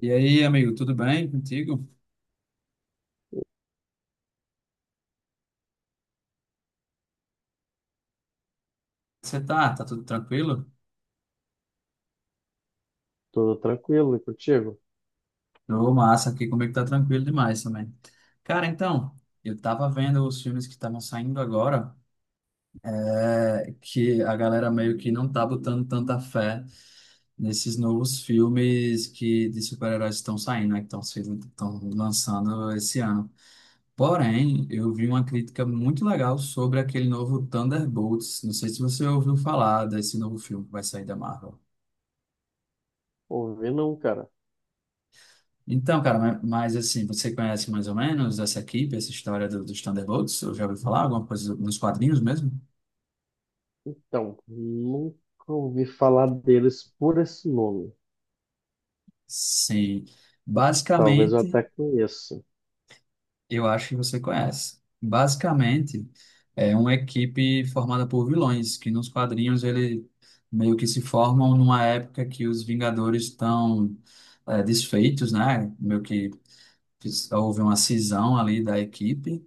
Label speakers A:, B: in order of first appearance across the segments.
A: E aí, amigo, tudo bem contigo? Você tá? Tá tudo tranquilo?
B: Tudo tranquilo e contigo?
A: Tô massa aqui comigo, tá tranquilo demais também. Cara, então, eu tava vendo os filmes que estavam saindo agora, que a galera meio que não tá botando tanta fé nesses novos filmes que de super-heróis estão saindo, né? Que estão sendo, estão lançando esse ano. Porém, eu vi uma crítica muito legal sobre aquele novo Thunderbolts. Não sei se você ouviu falar desse novo filme que vai sair da Marvel.
B: Ouvi não, cara.
A: Então, cara, mas, assim, você conhece mais ou menos essa equipe, essa história dos Thunderbolts? Eu já ouvi falar alguma coisa nos quadrinhos mesmo?
B: Então, nunca ouvi falar deles por esse nome.
A: Sim.
B: Talvez eu
A: Basicamente,
B: até conheça.
A: eu acho que você conhece. Basicamente, é uma equipe formada por vilões, que nos quadrinhos ele meio que se formam numa época que os Vingadores estão desfeitos, né? Meio que houve uma cisão ali da equipe.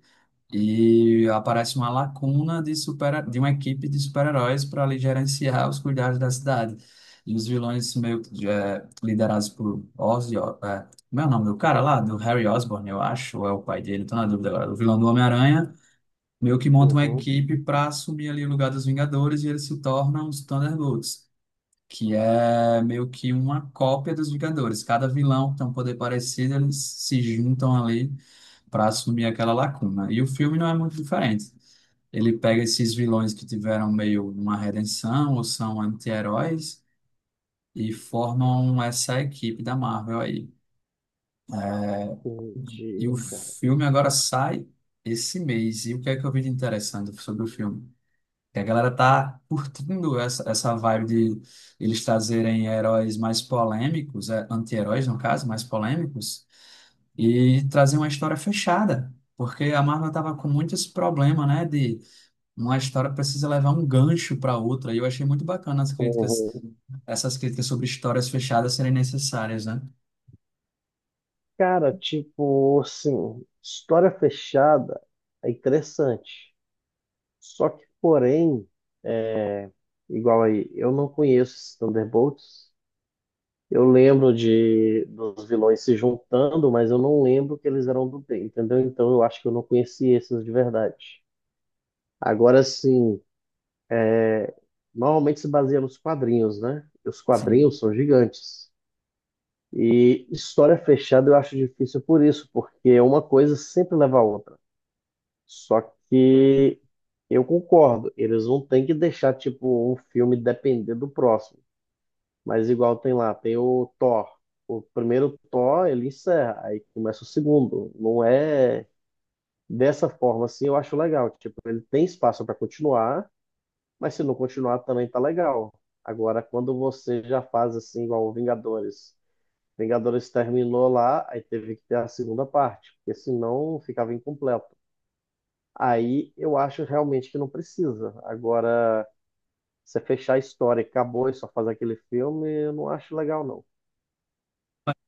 A: E aparece uma lacuna de, super, de uma equipe de super-heróis para ali gerenciar os cuidados da cidade. E os vilões meio que, liderados por Ozzy, ó, como é o nome do cara lá? Do Harry Osborn, eu acho, ou é o pai dele, tô na dúvida agora. O vilão do Homem-Aranha meio que monta uma
B: Uhum,
A: equipe para assumir ali o lugar dos Vingadores e eles se tornam os Thunderbolts, que é meio que uma cópia dos Vingadores. Cada vilão tem um poder parecido, eles se juntam ali para assumir aquela lacuna. E o filme não é muito diferente. Ele pega esses vilões que tiveram meio uma redenção ou são anti-heróis e formam essa equipe da Marvel aí. E o
B: entendi, cara.
A: filme agora sai esse mês. E o que é que eu vi de interessante sobre o filme? Que a galera tá curtindo essa vibe de eles trazerem heróis mais polêmicos, anti-heróis no caso, mais polêmicos, e trazer uma história fechada, porque a Marvel estava com muito esse problema, né, de uma história precisa levar um gancho para outra, e eu achei muito bacana as críticas,
B: Uhum.
A: essas críticas sobre histórias fechadas serem necessárias, né?
B: Cara, tipo, assim, história fechada é interessante. Só que, porém, é, igual aí, eu não conheço esses Thunderbolts. Eu lembro de dos vilões se juntando, mas eu não lembro que eles eram do bem, entendeu? Então eu acho que eu não conheci esses de verdade. Agora sim, normalmente se baseia nos quadrinhos, né? E os
A: Sim.
B: quadrinhos são gigantes. E história fechada eu acho difícil por isso, porque uma coisa sempre leva a outra. Só que eu concordo, eles não têm que deixar tipo um filme depender do próximo. Mas igual tem lá, tem o Thor. O primeiro Thor, ele encerra, aí começa o segundo. Não é dessa forma assim, eu acho legal. Tipo, ele tem espaço para continuar, mas se não continuar também tá legal. Agora, quando você já faz assim, igual o Vingadores. Vingadores terminou lá, aí teve que ter a segunda parte, porque senão ficava incompleto. Aí eu acho realmente que não precisa. Agora, você fechar a história, e acabou e só fazer aquele filme, eu não acho legal, não.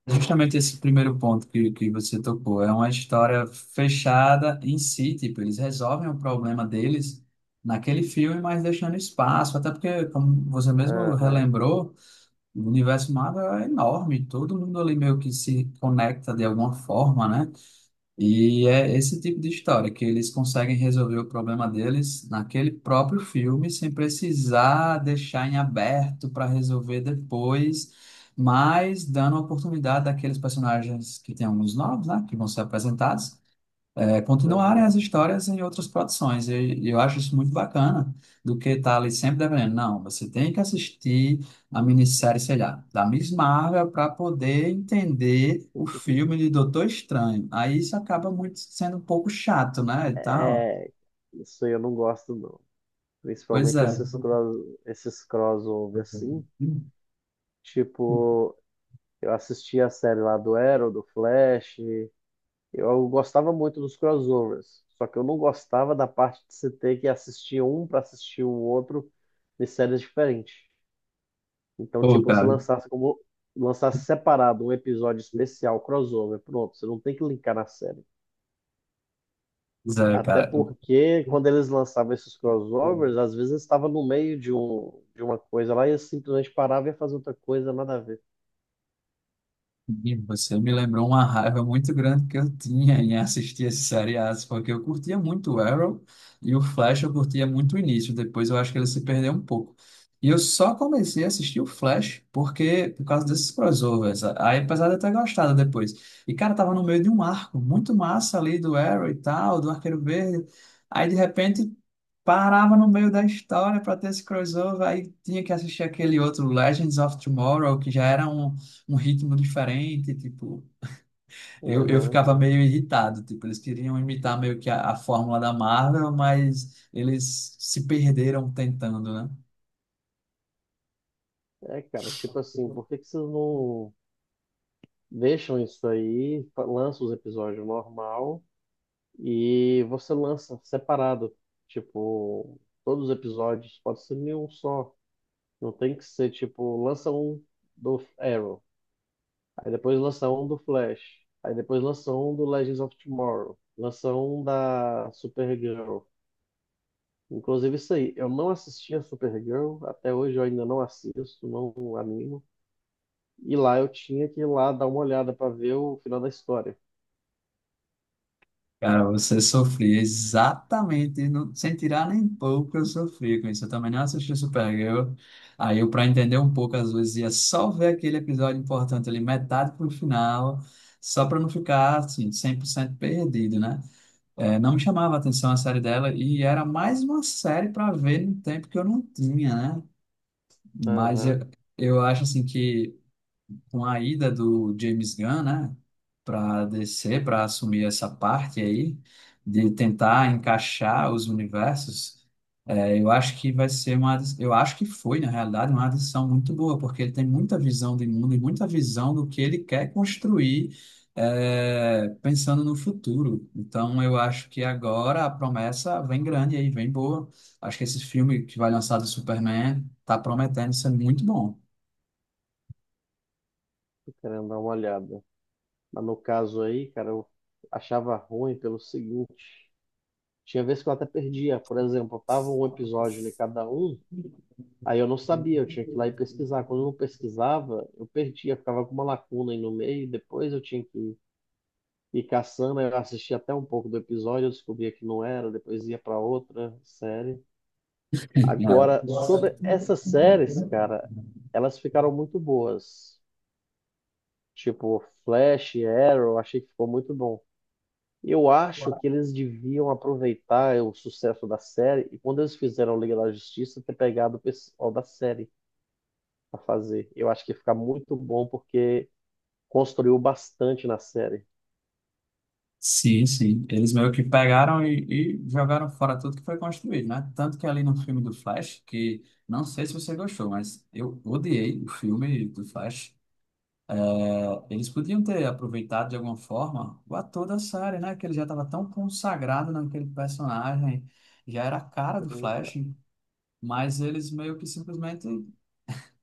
A: Justamente esse primeiro ponto que você tocou, é uma história fechada em si, tipo, eles resolvem o problema deles naquele filme, mas deixando espaço, até porque, como você mesmo
B: Aham,
A: relembrou, o universo Marvel é enorme, todo mundo ali meio que se conecta de alguma forma, né? E é esse tipo de história que eles conseguem resolver o problema deles naquele próprio filme, sem precisar deixar em aberto para resolver depois, mas dando a oportunidade daqueles personagens que têm alguns novos, né, que vão ser apresentados continuarem as
B: aham.
A: histórias em outras produções. E eu acho isso muito bacana, do que estar ali sempre dependendo. Não, você tem que assistir a minissérie, sei lá, da Miss Marvel para poder entender o filme de Doutor Estranho. Aí isso acaba muito sendo um pouco chato, né? E tal.
B: É, isso aí eu não gosto, não.
A: Pois
B: Principalmente
A: é.
B: esses cross, esses crossover assim. Tipo, eu assisti a série lá do Arrow, do Flash. Eu gostava muito dos crossovers. Só que eu não gostava da parte de você ter que assistir um para assistir o outro de séries diferentes. Então,
A: Pô,
B: tipo, se
A: cara.
B: lançasse como lançasse separado um episódio especial crossover, pronto, você não tem que linkar na série.
A: Pois é,
B: Até
A: cara.
B: porque quando eles lançavam esses crossovers, às vezes estava no meio de, um, de uma coisa lá e eles simplesmente parava e ia fazer outra coisa, nada a ver.
A: E você me lembrou uma raiva muito grande que eu tinha em assistir esses seriados, porque eu curtia muito o Arrow e o Flash eu curtia muito o início, depois eu acho que ele se perdeu um pouco. E eu só comecei a assistir o Flash porque por causa desses crossovers. Aí, apesar de eu ter gostado depois. E, cara, tava no meio de um arco muito massa ali do Arrow e tal, do Arqueiro Verde. Aí, de repente, parava no meio da história para ter esse crossover. Aí tinha que assistir aquele outro Legends of Tomorrow, que já era um ritmo diferente, tipo, eu
B: Aham.
A: ficava meio irritado, tipo, eles queriam imitar meio que a fórmula da Marvel, mas eles se perderam tentando, né?
B: É, cara, tipo assim, por que que vocês não deixam isso aí, lançam os episódios normal e você lança separado? Tipo, todos os episódios, pode ser nenhum só. Não tem que ser, tipo, lança um do Arrow. Aí depois lança um do Flash. Aí depois lança um do Legends of Tomorrow. Lança um da Supergirl. Inclusive isso aí, eu não assisti a Supergirl, até hoje eu ainda não assisto, não animo. E lá eu tinha que ir lá dar uma olhada pra ver o final da história.
A: Cara, você sofria exatamente, não, sem tirar nem pouco, eu sofri com isso. Eu também não assisti Supergirl. Aí eu, para entender um pouco, às vezes ia só ver aquele episódio importante ali, metade pro final, só para não ficar, assim, 100% perdido, né? É, não me chamava atenção a série dela e era mais uma série para ver no tempo que eu não tinha, né? Mas
B: Aham,
A: eu acho assim que com a ida do James Gunn, né, para DC, para assumir essa parte aí de tentar encaixar os universos, eu acho que vai ser uma, eu acho que foi, na realidade, uma adição muito boa, porque ele tem muita visão do mundo e muita visão do que ele quer construir, pensando no futuro. Então, eu acho que agora a promessa vem grande aí, vem boa. Acho que esse filme que vai lançar do Superman está prometendo ser muito bom.
B: tô querendo dar uma olhada. Mas no caso aí, cara, eu achava ruim pelo seguinte. Tinha vezes que eu até perdia. Por exemplo, tava um episódio em cada um, aí eu não sabia, eu tinha que ir lá e pesquisar. Quando eu não pesquisava, eu perdia, ficava com uma lacuna aí no meio, depois eu tinha que ir caçando, aí eu assistia até um pouco do episódio, eu descobria que não era, depois ia para outra série. Agora, sobre essas séries, cara, elas ficaram muito boas. Tipo, Flash, Arrow, achei que ficou muito bom. Eu acho
A: É.
B: que eles deviam aproveitar o sucesso da série e quando eles fizeram Liga da Justiça, ter pegado o pessoal da série a fazer. Eu acho que fica muito bom porque construiu bastante na série.
A: Sim, sim. Eles meio que pegaram e jogaram fora tudo que foi construído, né? Tanto que ali no filme do Flash, que não sei se você gostou, mas eu odiei o filme do Flash. É, eles podiam ter aproveitado de alguma forma o ator da série, né? Que ele já estava tão consagrado naquele personagem, já era a cara do Flash, mas eles meio que simplesmente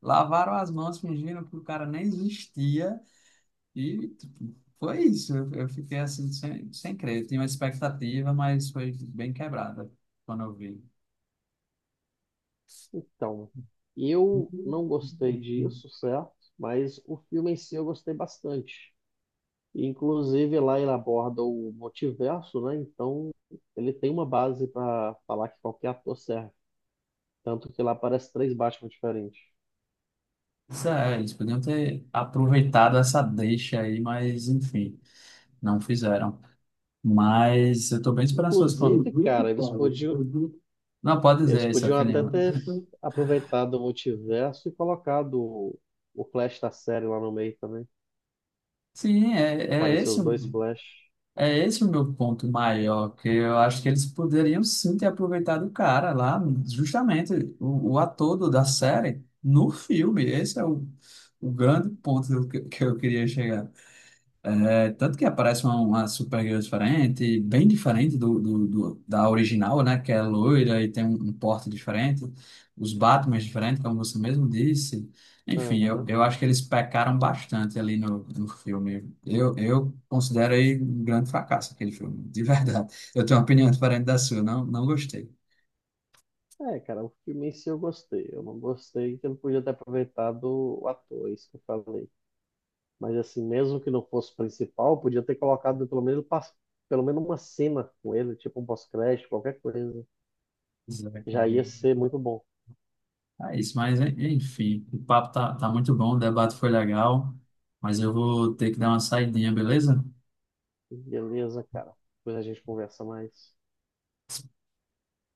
A: lavaram as mãos fingindo que o cara nem existia e tipo, foi isso. Eu fiquei assim, sem crer. Eu tinha uma expectativa, mas foi bem quebrada quando eu vi.
B: Então, eu não gostei disso, certo? Mas o filme em si eu gostei bastante. Inclusive, lá ele aborda o multiverso, né? Então, ele tem uma base para falar que qualquer ator serve. Tanto que lá aparece três Batman diferentes.
A: Isso é, eles podiam ter aproveitado essa deixa aí, mas enfim, não fizeram. Mas eu tô bem esperançoso.
B: Inclusive, cara,
A: Com- Não, pode
B: eles
A: dizer essa
B: podiam até
A: opinião.
B: ter aproveitado o multiverso e colocado o Flash da série lá no meio também.
A: Sim, é, é
B: Apareceu
A: esse.
B: os dois Flash.
A: É esse o meu ponto maior, que eu acho que eles poderiam sim ter aproveitado o cara lá, justamente o ator do- da série, no filme. Esse é o grande ponto que, que eu queria chegar. É tanto que aparece uma Supergirl diferente, bem diferente do, do, do- da original, né? Que é loira e tem um, um porte diferente, os Batmans diferentes, como você mesmo disse. Enfim,
B: Aham.
A: eu acho que eles pecaram bastante ali no, no filme. Eu considero aí um grande fracasso aquele filme, de verdade. Eu tenho uma opinião diferente da sua, não gostei.
B: É, cara, o filme em si eu gostei. Eu não gostei que eu não podia ter aproveitado o ator, é isso que eu falei. Mas assim, mesmo que não fosse o principal, podia ter colocado pelo menos, pelo menos uma cena com ele, tipo um pós-crédito, qualquer coisa.
A: Pois é, cara.
B: Já ia ser muito bom.
A: É isso, mas enfim, o papo tá, tá muito bom, o debate foi legal, mas eu vou ter que dar uma saidinha, beleza?
B: Beleza, cara. Depois a gente conversa mais.